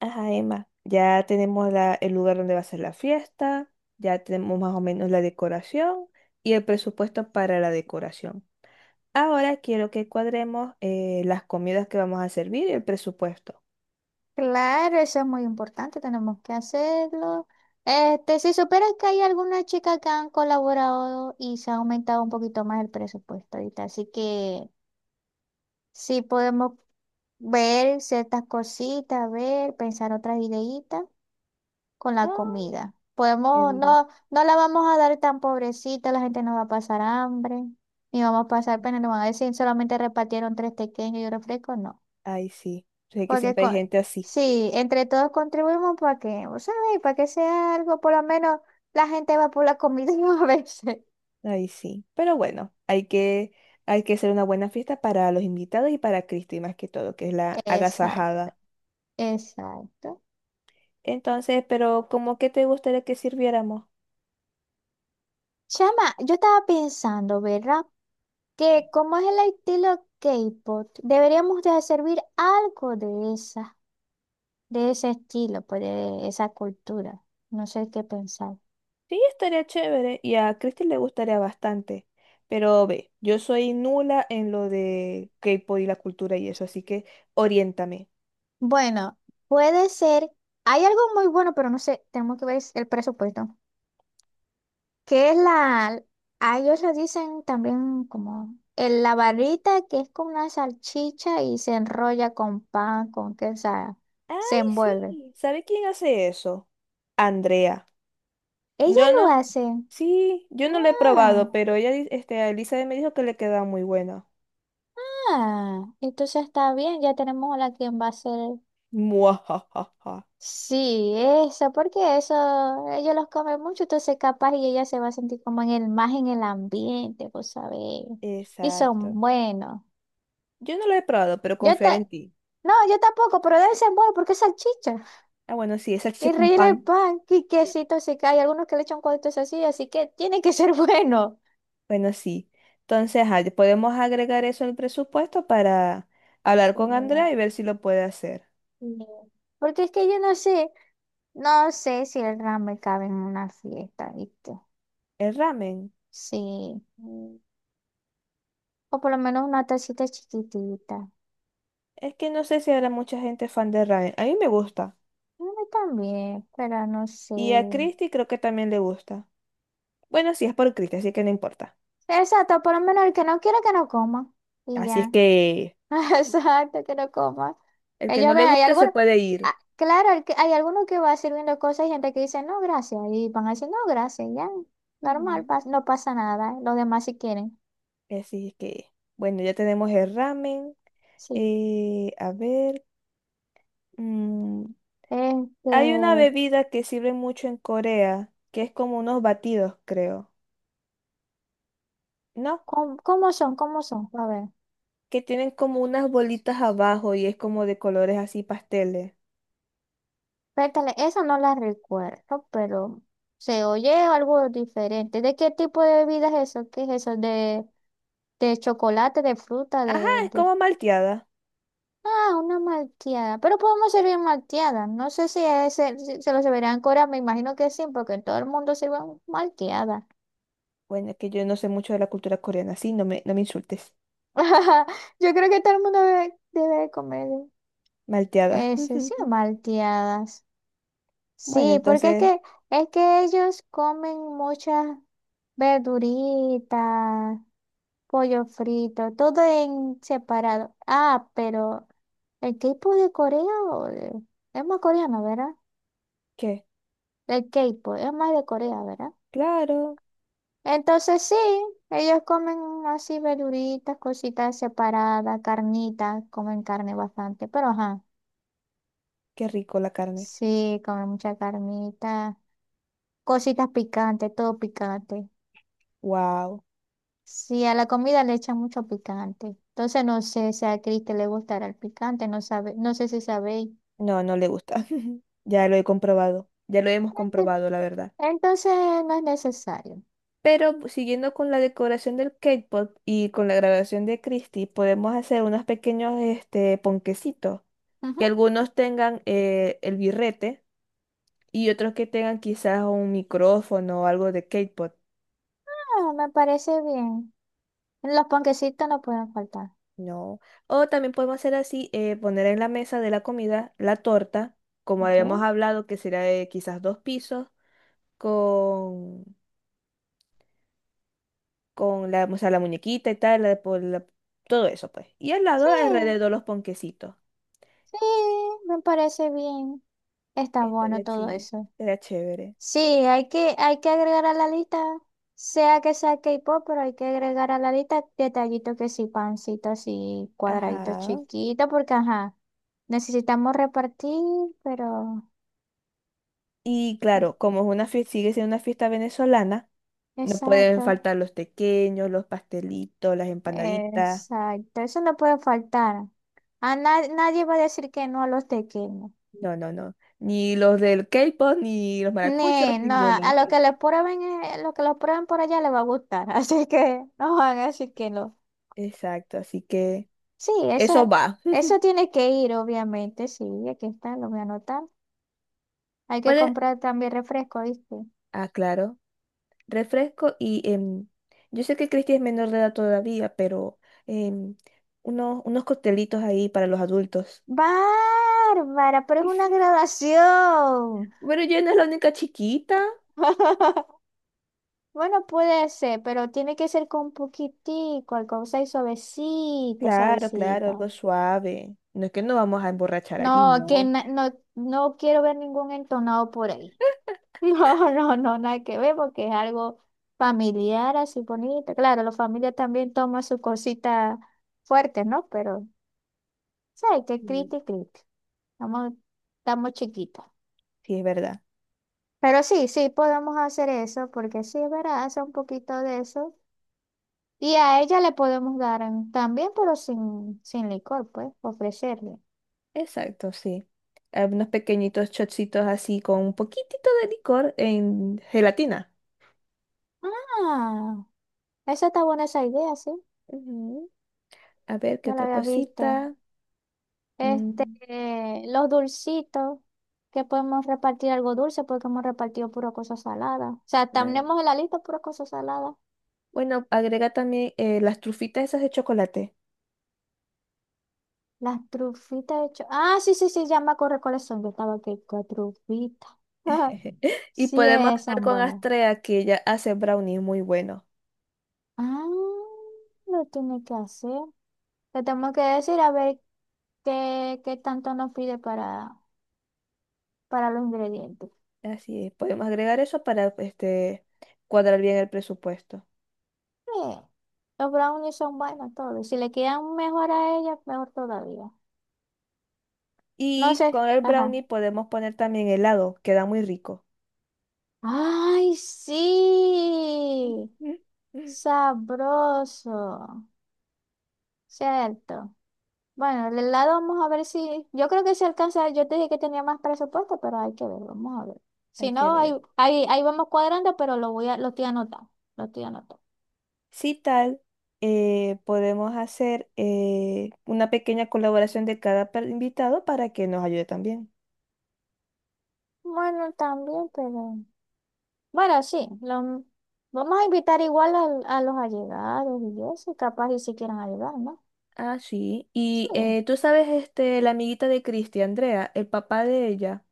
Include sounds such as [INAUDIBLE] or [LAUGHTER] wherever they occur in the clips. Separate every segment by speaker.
Speaker 1: Ajá, Emma, ya tenemos el lugar donde va a ser la fiesta, ya tenemos más o menos la decoración y el presupuesto para la decoración. Ahora quiero que cuadremos las comidas que vamos a servir y el presupuesto.
Speaker 2: Claro, eso es muy importante, tenemos que hacerlo. Si supieras que hay algunas chicas que han colaborado y se ha aumentado un poquito más el presupuesto ahorita, así que sí podemos ver ciertas cositas, ver, pensar otras ideitas con la
Speaker 1: Ah,
Speaker 2: comida. Podemos,
Speaker 1: chévere.
Speaker 2: no, no la vamos a dar tan pobrecita, la gente no va a pasar hambre, ni vamos a pasar pena, no van a decir solamente repartieron tres pequeños y un refresco, no.
Speaker 1: Ay, sí, sé que
Speaker 2: Porque
Speaker 1: siempre hay
Speaker 2: con,
Speaker 1: gente así,
Speaker 2: sí, entre todos contribuimos para que, vos sabés, para que sea algo, por lo menos la gente va por la comida [LAUGHS] a veces.
Speaker 1: ay, sí. Pero bueno, hay que hacer una buena fiesta para los invitados y para Cristi más que todo, que es la
Speaker 2: Exacto,
Speaker 1: agasajada.
Speaker 2: exacto.
Speaker 1: Entonces, pero ¿cómo que te gustaría que sirviéramos?
Speaker 2: Chama, yo estaba pensando, ¿verdad? Que como es el estilo K-pop, deberíamos de servir algo de esa, de ese estilo, pues de esa cultura. No sé qué pensar.
Speaker 1: Sí, estaría chévere y a Christy le gustaría bastante. Pero ve, yo soy nula en lo de K-pop y la cultura y eso, así que oriéntame.
Speaker 2: Bueno, puede ser. Hay algo muy bueno, pero no sé, tenemos que ver el presupuesto. que es la, a ellos le dicen también como el, la barrita que es como una salchicha y se enrolla con pan, con queso,
Speaker 1: Ay,
Speaker 2: se envuelve.
Speaker 1: sí. ¿Sabe quién hace eso? Andrea.
Speaker 2: Ella
Speaker 1: Yo
Speaker 2: lo
Speaker 1: no.
Speaker 2: hace.
Speaker 1: Sí, yo no lo he probado,
Speaker 2: Ah,
Speaker 1: pero Elizabeth me dijo que le queda muy buena.
Speaker 2: ah, entonces está bien, ya tenemos a la quien va a hacer.
Speaker 1: [LAUGHS] Muajajaja.
Speaker 2: Sí, eso, ellos los comen mucho, entonces capaz y ella se va a sentir como en el, más en el ambiente, pues sabés. Y son
Speaker 1: Exacto.
Speaker 2: buenos.
Speaker 1: Yo no lo he probado, pero
Speaker 2: Yo te,
Speaker 1: confiar en ti.
Speaker 2: no, yo tampoco, pero deben ser buenos porque es salchicha.
Speaker 1: Ah, bueno, sí, esa chicha
Speaker 2: Y
Speaker 1: con
Speaker 2: rellena el
Speaker 1: pan.
Speaker 2: pan, y quesito se cae, algunos que le echan cuadritos así, así que tiene que ser [LAUGHS] bueno.
Speaker 1: Bueno, sí. Entonces, ajá, podemos agregar eso al presupuesto para hablar con Andrea y
Speaker 2: Y
Speaker 1: ver si lo puede hacer.
Speaker 2: "no". Porque es que yo no sé, no sé si el ramen cabe en una fiesta, ¿viste?
Speaker 1: El ramen.
Speaker 2: Sí,
Speaker 1: mm,
Speaker 2: o por lo menos una tacita chiquitita.
Speaker 1: Es que no sé si habrá mucha gente fan del ramen. A mí me gusta.
Speaker 2: No también, pero no sé.
Speaker 1: Y a Christy creo que también le gusta. Bueno, sí, es por Christy, así que no importa.
Speaker 2: Exacto, por lo menos el que no quiere que no coma. Y
Speaker 1: Así es
Speaker 2: ya.
Speaker 1: que
Speaker 2: [LAUGHS] Exacto, que no coma.
Speaker 1: el que no
Speaker 2: Ellos ven,
Speaker 1: le
Speaker 2: hay
Speaker 1: guste se
Speaker 2: algunos,
Speaker 1: puede ir.
Speaker 2: ah, claro, hay algunos que va sirviendo cosas y gente que dice, no, gracias. Y van a decir, no, gracias, ya,
Speaker 1: Ujú.
Speaker 2: normal, no pasa nada. Los demás si quieren.
Speaker 1: Así es que, bueno, ya tenemos el ramen.
Speaker 2: Sí.
Speaker 1: A ver. mm,
Speaker 2: Este,
Speaker 1: hay una bebida que sirve mucho en Corea, que es como unos batidos, creo. No,
Speaker 2: ¿Cómo, cómo son? ¿Cómo son? A ver,
Speaker 1: que tienen como unas bolitas abajo y es como de colores así pasteles.
Speaker 2: espérate, esa no la recuerdo, pero se oye algo diferente. ¿De qué tipo de bebida es eso? ¿Qué es eso? De chocolate, de fruta,
Speaker 1: Ajá, es
Speaker 2: de...
Speaker 1: como malteada.
Speaker 2: Ah, una malteada. Pero podemos servir malteada. No sé si, es el- si se lo servirán en Corea. Me imagino que sí, porque todo el mundo sirve malteada.
Speaker 1: Bueno, es que yo no sé mucho de la cultura coreana, sí, no me insultes.
Speaker 2: [LAUGHS] Yo creo que todo el mundo debe comer
Speaker 1: Malteada.
Speaker 2: eso, sí,
Speaker 1: [LAUGHS]
Speaker 2: malteadas.
Speaker 1: Bueno,
Speaker 2: Sí,
Speaker 1: entonces,
Speaker 2: es que ellos comen muchas verduritas, pollo frito, todo en separado. Ah, pero el K-pop de Corea o de- es más coreano, ¿verdad?
Speaker 1: ¿qué?
Speaker 2: El K-pop es más de Corea, ¿verdad?
Speaker 1: Claro,
Speaker 2: Entonces sí, ellos comen así verduritas, cositas separadas, carnitas, comen carne bastante, pero ajá,
Speaker 1: qué rico la carne.
Speaker 2: sí, comen mucha carnita, cositas picantes, todo picante.
Speaker 1: Wow.
Speaker 2: Sí, a la comida le echan mucho picante. Entonces no sé si a Cristi le gustará el picante, no sabe, no sé si sabéis.
Speaker 1: No, no le gusta. [LAUGHS] Ya lo he comprobado. Ya lo hemos
Speaker 2: Ent-
Speaker 1: comprobado, la verdad.
Speaker 2: Entonces no es necesario.
Speaker 1: Pero pues, siguiendo con la decoración del K-pop y con la grabación de Christie, podemos hacer unos pequeños ponquecitos,
Speaker 2: Ujú,
Speaker 1: que algunos tengan el birrete y otros que tengan quizás un micrófono o algo de K-pop.
Speaker 2: ah, me parece bien. Los panquecitos no pueden faltar,
Speaker 1: No. O también podemos hacer así, poner en la mesa de la comida la torta, como
Speaker 2: ¿ok?
Speaker 1: habíamos hablado, que será de quizás dos pisos, con, con la, o sea, la muñequita y tal, la- por la- todo eso, pues. Y al lado,
Speaker 2: Sí,
Speaker 1: alrededor, los ponquecitos.
Speaker 2: sí, me parece bien. Está bueno
Speaker 1: Estaría
Speaker 2: todo
Speaker 1: chido,
Speaker 2: eso.
Speaker 1: estaría chévere.
Speaker 2: Sí, hay que agregar a la lista, sea que sea K-pop, pero hay que agregar a la lista detallitos que sí, pancitos y cuadraditos
Speaker 1: Ajá.
Speaker 2: chiquitos, porque ajá, necesitamos repartir, pero
Speaker 1: Y claro, como es una fiesta, sigue siendo una fiesta venezolana. No pueden
Speaker 2: exacto,
Speaker 1: faltar los pequeños, los pastelitos, las empanaditas.
Speaker 2: exacto, eso no puede faltar. Nadie va a decir que no a los pequeños.
Speaker 1: No, no, no. Ni los del K-pop, ni los maracuchos,
Speaker 2: Ni, no,
Speaker 1: ninguno.
Speaker 2: a lo que les prueben, lo que los prueben por allá les va a gustar, [LAUGHS] así que no van a decir que no.
Speaker 1: Exacto, así que
Speaker 2: Sí,
Speaker 1: eso
Speaker 2: eso,
Speaker 1: va.
Speaker 2: eso tiene que ir, obviamente, sí, aquí está, lo voy a anotar. Hay que
Speaker 1: Puedes,
Speaker 2: comprar también refresco, ¿viste?
Speaker 1: ah, claro, refresco y yo sé que Cristi es menor de edad todavía, pero em, unos coctelitos ahí para los adultos.
Speaker 2: Bárbara, pero es una
Speaker 1: [LAUGHS]
Speaker 2: graduación.
Speaker 1: Pero yo no es la única chiquita.
Speaker 2: [LAUGHS] Bueno, puede ser, pero tiene que ser con poquitico, alcohol, o sea, y suavecita,
Speaker 1: Claro, claro,
Speaker 2: suavecita.
Speaker 1: algo suave. No es que no vamos a emborrachar
Speaker 2: No,
Speaker 1: allí, no.
Speaker 2: no, no quiero ver ningún entonado por ahí. [LAUGHS] No, no, no, nada que ver porque es algo familiar, así bonito. Claro, la familia también toma sus cositas fuertes, ¿no? Pero, ¿sabes qué?
Speaker 1: Mm.
Speaker 2: Criti, criti. Estamos, estamos chiquitos.
Speaker 1: Sí, es verdad.
Speaker 2: Pero sí, sí, podemos hacer eso porque sí, es verdad, hace un poquito de eso. Y a ella le podemos dar mm, también, pero sin, sin licor, pues, ofrecerle.
Speaker 1: Exacto, sí. Ah, unos pequeñitos chocitos así con un poquitito de licor en gelatina.
Speaker 2: Ah, esa está buena esa idea, sí.
Speaker 1: Ujú. A ver, ¿qué
Speaker 2: No la
Speaker 1: otra
Speaker 2: había visto.
Speaker 1: cosita? Mm,
Speaker 2: Los dulcitos, que podemos repartir algo dulce porque hemos repartido pura cosa salada. O sea, tenemos
Speaker 1: ah,
Speaker 2: en la lista pura cosa salada.
Speaker 1: bueno, agrega también las trufitas esas de chocolate.
Speaker 2: Las trufitas ah, sí, sí, sí, ya me acuerdo cuáles son. Yo estaba aquí con trufitas. [LAUGHS]
Speaker 1: [LAUGHS] Y
Speaker 2: Sí,
Speaker 1: podemos estar
Speaker 2: son
Speaker 1: con
Speaker 2: buenos.
Speaker 1: Astrea, que ella hace brownies muy buenos.
Speaker 2: Ah, lo tiene que hacer. Le tenemos que decir a ver qué, qué tanto nos pide para los ingredientes.
Speaker 1: Así es, podemos agregar eso para cuadrar bien el presupuesto.
Speaker 2: Eh, los brownies son buenos todos. Si le quedan mejor a ella, mejor todavía. No
Speaker 1: Y con
Speaker 2: sé.
Speaker 1: el
Speaker 2: Ajá.
Speaker 1: brownie podemos poner también helado, queda muy rico.
Speaker 2: Ay, sí.
Speaker 1: [LAUGHS]
Speaker 2: Sabroso. Cierto. Bueno, el helado vamos a ver si... Yo creo que se alcanza. Yo te dije que tenía más presupuesto, pero hay que ver. Vamos a ver.
Speaker 1: Hay
Speaker 2: Si
Speaker 1: que
Speaker 2: no,
Speaker 1: ver.
Speaker 2: ahí, ahí, ahí vamos cuadrando, pero lo estoy anotando. Lo estoy anotando.
Speaker 1: Si tal, podemos hacer una pequeña colaboración de cada per- invitado para que nos ayude también.
Speaker 2: Bueno, también, pero... Bueno, sí. Vamos a invitar a los allegados y eso. Capaz y si quieran ayudar, ¿no?
Speaker 1: Ah, sí.
Speaker 2: Sí.
Speaker 1: Y tú sabes, este, la amiguita de Cristi, Andrea, el papá de ella,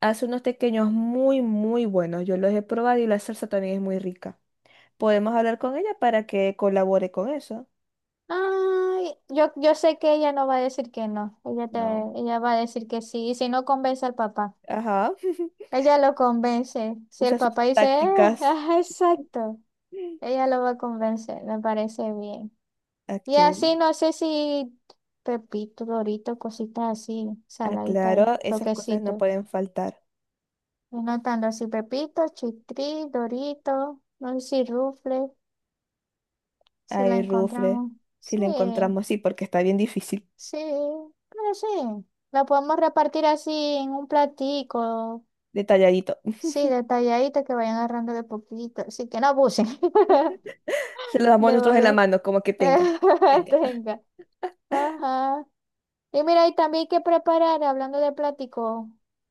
Speaker 1: hace unos pequeños muy buenos. Yo los he probado y la salsa también es muy rica. Podemos hablar con ella para que colabore con eso.
Speaker 2: Ay, yo sé que ella no va a decir que no.
Speaker 1: No.
Speaker 2: Ella va a decir que sí. Y si no convence al papá,
Speaker 1: Ajá. [LAUGHS]
Speaker 2: ella lo convence. Si el
Speaker 1: Usa sus
Speaker 2: papá dice,
Speaker 1: tácticas.
Speaker 2: ajá, exacto,
Speaker 1: Mm.
Speaker 2: ella lo va a convencer. Me parece bien. Y
Speaker 1: Ok.
Speaker 2: así no sé si Pepito, Dorito, cositas así,
Speaker 1: Ah,
Speaker 2: saladitas,
Speaker 1: claro, esas cosas no
Speaker 2: toquecitos.
Speaker 1: pueden faltar.
Speaker 2: Y notando así Pepito, Chitri, Dorito, no sé si Rufle, si la
Speaker 1: Ay, Rufre,
Speaker 2: encontramos.
Speaker 1: si
Speaker 2: Sí.
Speaker 1: le encontramos, sí, porque está bien difícil,
Speaker 2: Sí, pero sí, la podemos repartir así en un platico,
Speaker 1: detalladito. [LAUGHS]
Speaker 2: sí, detalladita que vayan agarrando de poquito, así que no abusen [LAUGHS]
Speaker 1: Se lo damos
Speaker 2: de lo
Speaker 1: nosotros en la
Speaker 2: que
Speaker 1: mano, como que tenga.
Speaker 2: [LAUGHS]
Speaker 1: Tenga.
Speaker 2: tenga. Ajá. Y mira, y también hay que preparar, hablando de platico,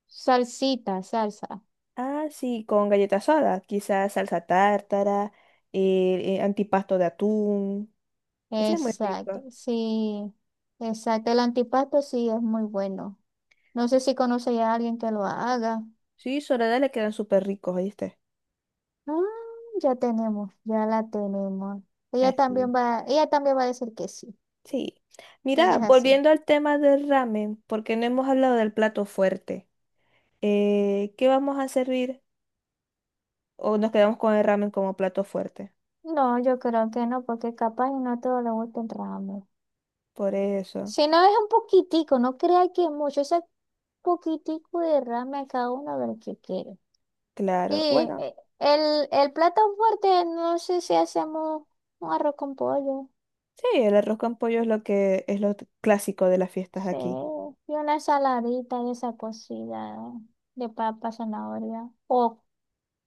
Speaker 2: salsita, salsa.
Speaker 1: Ah, sí, con galleta soda, quizás salsa tártara, antipasto de atún. Ese es muy
Speaker 2: Exacto,
Speaker 1: rico.
Speaker 2: sí, exacto. El antipasto sí es muy bueno. No sé si conoce ya a alguien que lo haga.
Speaker 1: Sí, Soledad le quedan súper ricos, ¿oíste?
Speaker 2: Ah, ya tenemos, ya la tenemos.
Speaker 1: Así.
Speaker 2: Ella también va a decir que sí.
Speaker 1: Sí.
Speaker 2: Ella
Speaker 1: Mira,
Speaker 2: es así.
Speaker 1: volviendo al tema del ramen, porque no hemos hablado del plato fuerte. ¿Qué vamos a servir? ¿O nos quedamos con el ramen como plato fuerte?
Speaker 2: No, yo creo que no, porque capaz y no todo le gusta el ramen.
Speaker 1: Por eso,
Speaker 2: Si no es un poquitico, no crea que mucho, ese poquitico de ramen a cada uno a ver qué quiere. Y
Speaker 1: claro. Bueno.
Speaker 2: eh, el plato fuerte, no sé si hacemos un arroz con pollo.
Speaker 1: Sí, el arroz con pollo es lo que es lo t- clásico de las fiestas de
Speaker 2: Sí,
Speaker 1: aquí.
Speaker 2: y una ensaladita de esa cocida de papa, zanahoria. O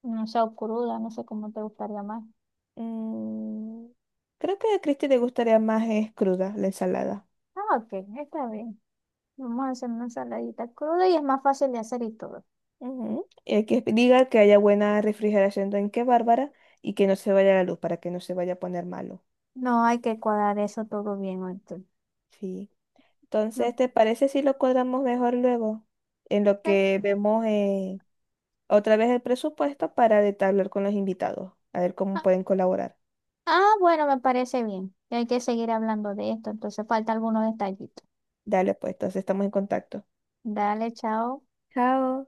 Speaker 2: no sé, o cruda, no sé cómo te gustaría más.
Speaker 1: Mm, creo que a Cristi le gustaría más es cruda la ensalada.
Speaker 2: Ah, ok, está bien. Vamos a hacer una ensaladita cruda y es más fácil de hacer y todo.
Speaker 1: Ujú. Y hay que diga que haya buena refrigeración en qué bárbara y que no se vaya la luz para que no se vaya a poner malo.
Speaker 2: No hay que cuadrar eso todo bien. Ahorita.
Speaker 1: Sí.
Speaker 2: No.
Speaker 1: Entonces, ¿te parece si lo cuadramos mejor luego? En lo
Speaker 2: eh,
Speaker 1: que vemos otra vez el presupuesto para detallar con los invitados, a ver cómo
Speaker 2: Ah,
Speaker 1: pueden colaborar.
Speaker 2: ah, bueno, me parece bien. Hay que seguir hablando de esto, entonces falta algunos detallitos.
Speaker 1: Dale, pues, entonces estamos en contacto.
Speaker 2: Dale, chao.
Speaker 1: Chao.